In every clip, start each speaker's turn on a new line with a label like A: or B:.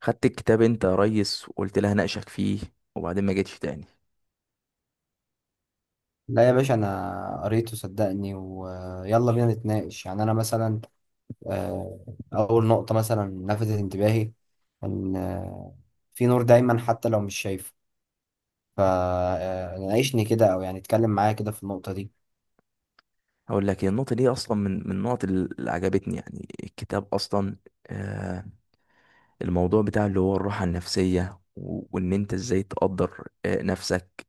A: خدت الكتاب انت يا ريس وقلت لها ناقشك فيه، وبعدين ما جيتش تاني.
B: لا يا باشا، انا قريته صدقني ويلا بينا نتناقش. يعني انا مثلا آه، اول نقطة مثلا لفتت انتباهي ان في نور دايما حتى لو مش شايفه. فناقشني كده او يعني اتكلم معايا كده في النقطة دي.
A: هقول لك، هي النقطة دي أصلا من النقط اللي عجبتني. يعني الكتاب أصلا آه الموضوع بتاع اللي هو الراحة النفسية وإن أنت إزاي تقدر نفسك،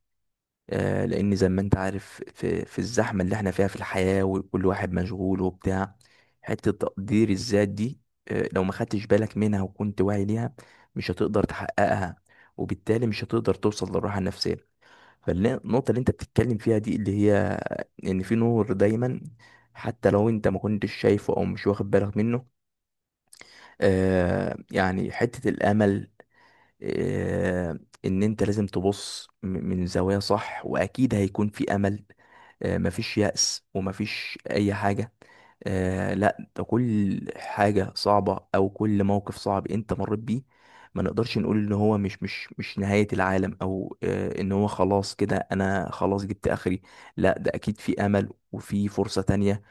A: لأن زي ما أنت عارف في الزحمة اللي إحنا فيها في الحياة، وكل واحد مشغول وبتاع، حتة تقدير الذات دي لو ما خدتش بالك منها وكنت واعي ليها مش هتقدر تحققها، وبالتالي مش هتقدر توصل للراحة النفسية. فالنقطة اللي انت بتتكلم فيها دي اللي هي ان في نور دايما حتى لو انت ما كنتش شايفه او مش واخد بالك منه، يعني حتة الامل. آه، ان انت لازم تبص من زوايا صح، واكيد هيكون في امل. مفيش يأس ومفيش اي حاجة. لا، ده كل حاجة صعبة أو كل موقف صعب أنت مريت بيه ما نقدرش نقول إن هو مش نهاية العالم، أو إن هو خلاص كده أنا خلاص جبت آخري. لا، ده أكيد في أمل وفي فرصة تانية.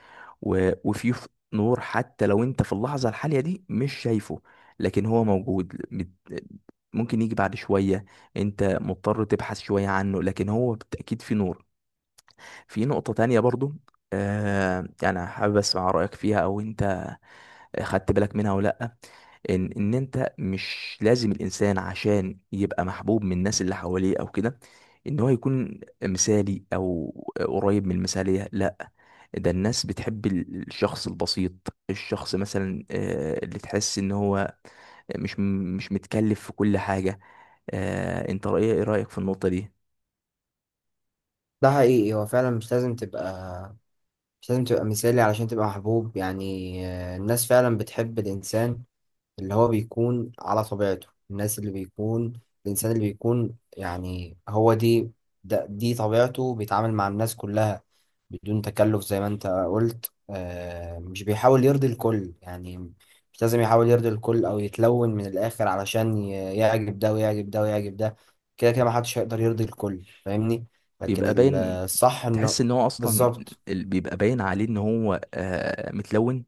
A: و... وفيه ف- نور حتى لو انت في اللحظة الحالية دي مش شايفه، لكن هو موجود. ممكن يجي بعد شوية، انت مضطر تبحث شوية عنه لكن هو بالتأكيد في نور. في نقطة تانية برضو، يعني حابب اسمع رأيك فيها، او انت خدت بالك منها ولا لأ؟ ان انت مش لازم الانسان عشان يبقى محبوب من الناس اللي حواليه او كده ان هو يكون مثالي او قريب من المثالية. لا، ده الناس بتحب الشخص البسيط، الشخص مثلا اللي تحس ان هو مش متكلف في كل حاجة. انت رأيك في النقطة دي؟
B: ده حقيقي، هو فعلا مش لازم تبقى مثالي علشان تبقى محبوب. يعني الناس فعلا بتحب الانسان اللي هو بيكون على طبيعته، الناس اللي بيكون الإنسان اللي بيكون يعني هو دي ده دي طبيعته، بيتعامل مع الناس كلها بدون تكلف زي ما انت قلت. آه مش بيحاول يرضي الكل. يعني مش لازم يحاول يرضي الكل أو يتلون من الآخر علشان يعجب ده ويعجب ده ويعجب ده. كده كده محدش هيقدر يرضي الكل، فاهمني؟ لكن
A: بيبقى باين،
B: الصح
A: تحس
B: انه
A: ان هو اصلا،
B: بالظبط.
A: بيبقى باين عليه ان هو متلون،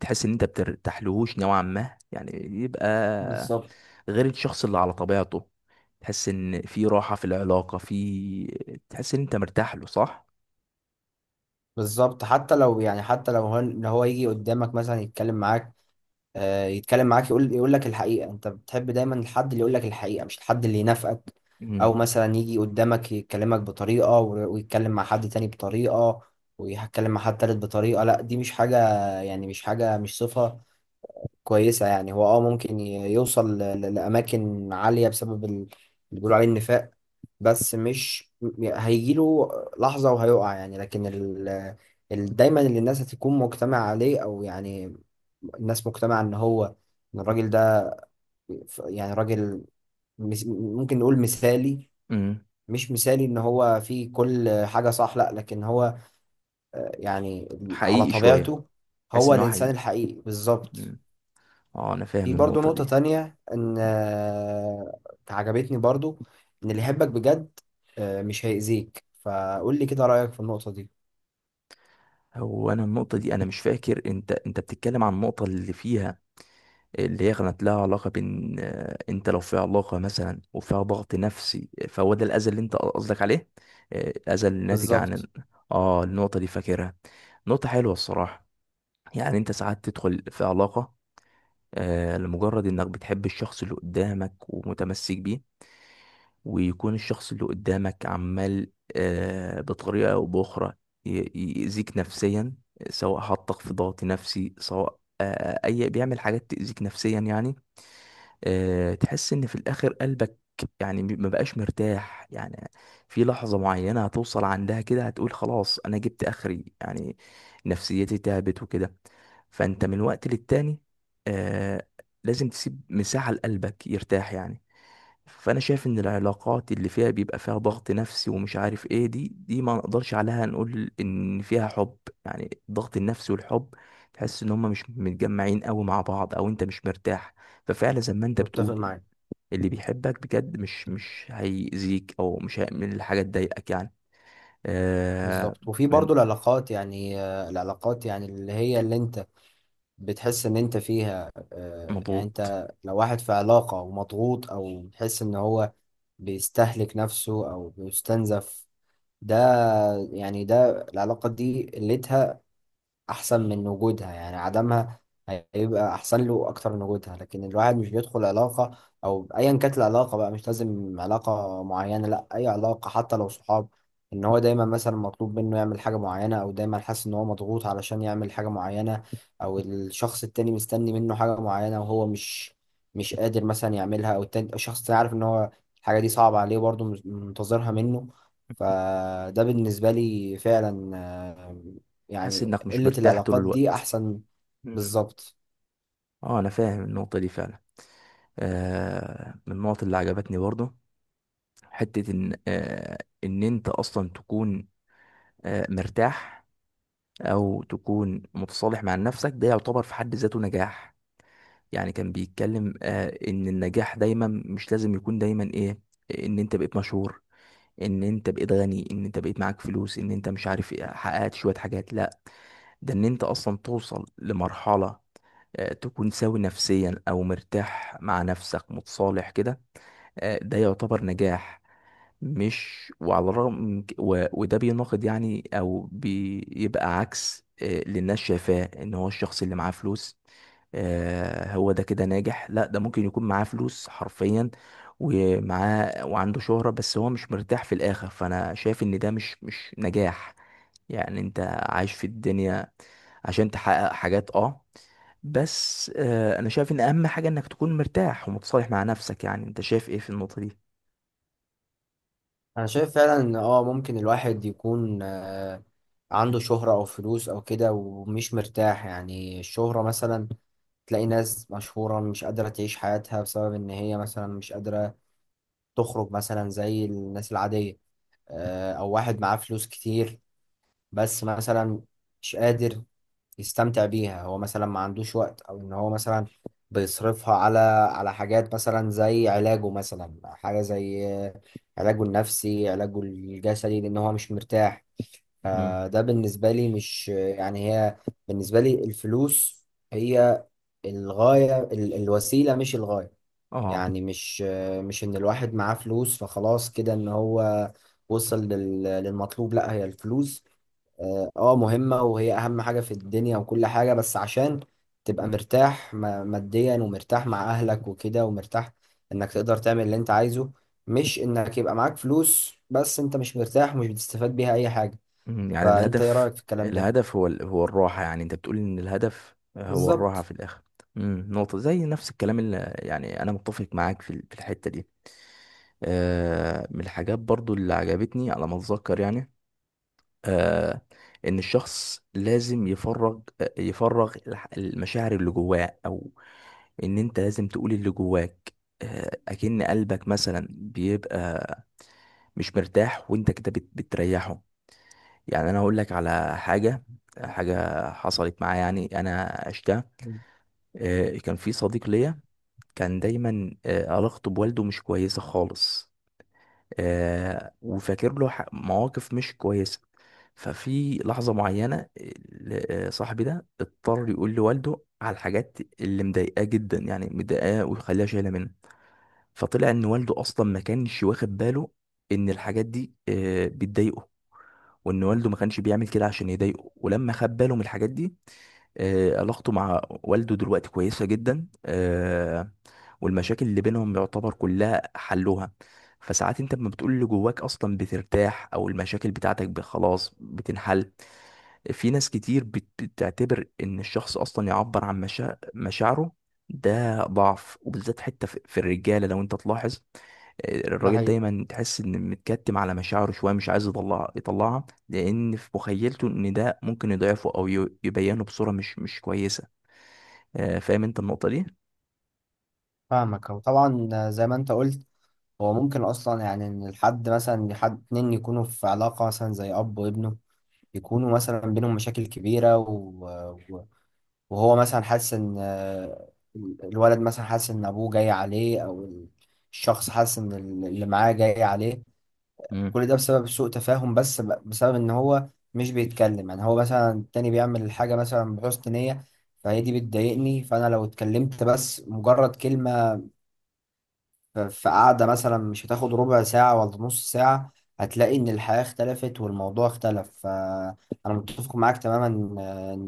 A: تحس ان انت بترتاحلهوش نوعا ما يعني، يبقى
B: بالظبط.
A: غير الشخص اللي على طبيعته، تحس ان في راحة في العلاقة، تحس ان انت مرتاح له. صح؟
B: بالظبط، حتى لو يعني حتى لو هو يجي قدامك مثلا يتكلم معاك، يتكلم معاك يقول لك الحقيقة. انت بتحب دايما الحد اللي يقول لك الحقيقة مش الحد اللي ينافقك. او
A: امم.
B: مثلا يجي قدامك يكلمك بطريقة ويتكلم مع حد تاني بطريقة ويتكلم مع حد تالت بطريقة. لا، دي مش حاجة، يعني مش حاجة، مش صفة كويسة. يعني هو اه ممكن يوصل لأماكن عالية بسبب اللي بيقولوا عليه النفاق، بس مش م- هيجيله لحظة وهيقع. يعني لكن دايما اللي الناس هتكون مجتمع عليه، أو يعني الناس مجتمعة إن هو، إن الراجل ده يعني راجل ممكن نقول مثالي.
A: امم.
B: مش مثالي إن هو فيه كل حاجة صح، لأ، لكن هو يعني على
A: حقيقي شوية.
B: طبيعته،
A: تحس
B: هو
A: ان هو
B: الإنسان
A: حقيقي.
B: الحقيقي بالظبط.
A: مم. اه، انا
B: في
A: فاهم
B: برضو
A: النقطة
B: نقطة
A: دي.
B: تانية إن عجبتني برضو، إن اللي يحبك بجد مش هيأذيك. فقول لي كده رأيك في النقطة دي.
A: هو انا النقطة دي انا مش فاكر، انت بتتكلم عن النقطة اللي فيها اللي هي كانت لها علاقة بين، انت لو في علاقة مثلا وفيها ضغط نفسي، فهو ده الاذى اللي انت قصدك عليه؟ الاذى الناتج عن
B: بالظبط،
A: اه. النقطة دي فاكرها، نقطة حلوة الصراحة. يعني انت ساعات تدخل في علاقة لمجرد انك بتحب الشخص اللي قدامك ومتمسك بيه، ويكون الشخص اللي قدامك عمال بطريقة او باخرى يأذيك نفسيا، سواء حطك في ضغط نفسي، سواء اي بيعمل حاجات تأذيك نفسيا يعني، تحس ان في الاخر قلبك يعني ما بقاش مرتاح يعني. في لحظة معينة هتوصل عندها كده هتقول خلاص انا جبت اخري يعني، نفسيتي تعبت وكده. فانت من وقت للتاني آه، لازم تسيب مساحة لقلبك يرتاح يعني. فانا شايف ان العلاقات اللي فيها بيبقى فيها ضغط نفسي ومش عارف ايه دي ما نقدرش عليها نقول ان فيها حب. يعني الضغط النفسي والحب، تحس ان هما مش متجمعين قوي مع بعض، او انت مش مرتاح. ففعلا زي ما انت
B: متفق
A: بتقول،
B: معاك.
A: اللي بيحبك بجد مش هيأذيك، او مش هيعمل حاجه تضايقك يعني. آه.
B: بالظبط، وفي
A: من
B: برضو العلاقات، يعني العلاقات يعني اللي هي اللي أنت بتحس إن أنت فيها يعني
A: مضغوط.
B: أنت لو واحد في علاقة ومضغوط أو بتحس إن هو بيستهلك نفسه أو بيستنزف، ده يعني ده العلاقة دي قلتها احسن من وجودها، يعني عدمها هيبقى احسن له اكتر من وجودها. لكن الواحد مش بيدخل علاقة او ايا كانت العلاقة بقى، مش لازم علاقة معينة، لا اي علاقة حتى لو صحاب، ان هو دايما مثلا مطلوب منه يعمل حاجة معينة او دايما حاسس ان هو مضغوط علشان يعمل حاجة معينة، او الشخص التاني مستني منه حاجة معينة وهو مش قادر مثلا يعملها، او التاني الشخص التاني عارف ان هو الحاجة دي صعبة عليه برضه منتظرها منه. فده بالنسبة لي فعلا آه،
A: تحس
B: يعني
A: انك مش
B: قلة
A: مرتاح طول
B: العلاقات دي
A: الوقت.
B: أحسن.
A: مم.
B: بالظبط،
A: اه، انا فاهم النقطه دي فعلا. آه، من النقط اللي عجبتني برضه حتة إن إن أنت أصلا تكون مرتاح أو تكون متصالح مع نفسك، ده يعتبر في حد ذاته نجاح. يعني كان بيتكلم إن النجاح دايما مش لازم يكون دايما إيه، إن أنت بقيت مشهور، إن أنت بقيت غني، إن أنت بقيت معاك فلوس، إن أنت مش عارف إيه، حققت شوية حاجات. لا، ده إن أنت أصلا توصل لمرحلة تكون سوي نفسيا أو مرتاح مع نفسك متصالح كده، ده يعتبر نجاح. مش وعلى الرغم وده بيناقض يعني او بيبقى عكس اللي الناس شايفاه ان هو الشخص اللي معاه فلوس هو ده كده ناجح. لا، ده ممكن يكون معاه فلوس حرفيا ومعاه وعنده شهرة بس هو مش مرتاح في الاخر، فانا شايف ان ده مش نجاح. يعني انت عايش في الدنيا عشان تحقق حاجات اه، بس انا شايف ان اهم حاجة انك تكون مرتاح ومتصالح مع نفسك. يعني انت شايف ايه في النقطة دي؟
B: أنا شايف فعلا إن آه ممكن الواحد يكون آه عنده شهرة أو فلوس أو كده ومش مرتاح. يعني الشهرة مثلا، تلاقي ناس مشهورة مش قادرة تعيش حياتها بسبب إن هي مثلا مش قادرة تخرج مثلا زي الناس العادية. أو واحد معاه فلوس كتير بس مثلا مش قادر يستمتع بيها. هو مثلا ما عندوش وقت، او ان هو مثلا بيصرفها على حاجات مثلا زي علاجه، مثلا حاجة زي علاجه النفسي، علاجه الجسدي، لان هو مش مرتاح.
A: مم.
B: فده بالنسبة لي مش يعني هي، بالنسبة لي الفلوس هي الغاية الوسيلة مش الغاية.
A: اه.
B: يعني مش ان الواحد معاه فلوس فخلاص كده ان هو وصل للمطلوب. لا، هي الفلوس اه مهمة وهي أهم حاجة في الدنيا وكل حاجة، بس عشان تبقى مرتاح ماديا ومرتاح مع أهلك وكده، ومرتاح إنك تقدر تعمل اللي أنت عايزه، مش إنك يبقى معاك فلوس بس أنت مش مرتاح ومش بتستفاد بيها أي حاجة.
A: مم، يعني
B: فأنت إيه
A: الهدف،
B: رأيك في الكلام ده؟
A: الهدف هو هو الراحة. يعني انت بتقول ان الهدف هو الراحة
B: بالظبط،
A: في الاخر. مم، نقطة زي نفس الكلام اللي يعني انا متفق معاك في في الحتة دي. آه، من الحاجات برضو اللي عجبتني على ما اتذكر يعني آه ان الشخص لازم يفرغ، يفرغ المشاعر اللي جواه، او ان انت لازم تقول اللي جواك. اكن قلبك مثلا بيبقى مش مرتاح وانت كده بتريحه. يعني انا هقول لك على حاجه، حاجه حصلت معايا يعني انا عشتها. كان في صديق ليا، كان دايما علاقته بوالده مش كويسه خالص، وفاكر له مواقف مش كويسه. ففي لحظه معينه صاحبي ده اضطر يقول لوالده على الحاجات اللي مضايقاه جدا، يعني مضايقاه ويخليها شايله منه. فطلع ان والده اصلا ما كانش واخد باله ان الحاجات دي بتضايقه، وان والده ما كانش بيعمل كده عشان يضايقه، ولما خد باله من الحاجات دي علاقته مع والده دلوقتي كويسة جدا. والمشاكل اللي بينهم يعتبر كلها حلوها. فساعات انت لما بتقول اللي جواك اصلا بترتاح، او المشاكل بتاعتك خلاص بتنحل. في ناس كتير بتعتبر ان الشخص اصلا يعبر عن مشاعره ده ضعف، وبالذات حتى في الرجالة لو انت تلاحظ،
B: ده
A: الراجل
B: حقيقي.
A: دايما تحس ان متكتم على مشاعره شويه، مش عايز يطلع يطلعها، لان في مخيلته ان ده ممكن يضعفه او يبينه بصوره مش كويسه. فاهم انت النقطه دي؟
B: فاهمك، هو طبعا زي ما انت قلت، هو ممكن اصلا يعني ان الحد مثلا حد اتنين يكونوا في علاقة مثلا زي اب وابنه، يكونوا مثلا بينهم مشاكل كبيرة، وهو مثلا حاسس ان الولد مثلا حاسس ان ابوه جاي عليه، او الشخص حاسس ان اللي معاه جاي عليه.
A: مم.
B: كل ده بسبب سوء تفاهم، بس بسبب ان هو مش بيتكلم. يعني هو مثلا التاني بيعمل الحاجة مثلا بحسن نية، فهي دي بتضايقني، فانا لو اتكلمت بس مجرد كلمة في قعدة مثلا مش هتاخد ربع ساعة ولا نص ساعة، هتلاقي إن الحياة اختلفت والموضوع اختلف. فأنا متفق معاك تماما إن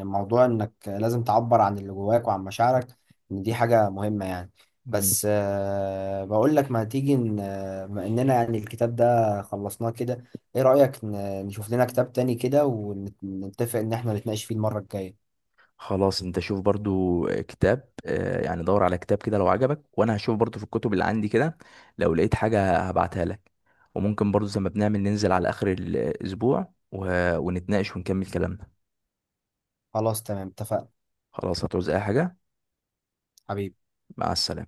B: إن موضوع إنك لازم تعبر عن اللي جواك وعن مشاعرك، إن دي حاجة مهمة يعني.
A: مم.
B: بس بقول لك ما تيجي، إن بما إننا يعني الكتاب ده خلصناه كده، إيه رأيك نشوف لنا كتاب تاني كده ونتفق إن إحنا نتناقش فيه المرة الجاية؟
A: خلاص، انت شوف برضو كتاب، يعني دور على كتاب كده لو عجبك، وانا هشوف برضو في الكتب اللي عندي كده، لو لقيت حاجه هبعتها لك. وممكن برضو زي ما بنعمل ننزل على اخر الاسبوع ونتناقش ونكمل كلامنا.
B: خلاص تمام، اتفقنا
A: خلاص. هتعوز اي حاجه؟
B: حبيبي.
A: مع السلامه.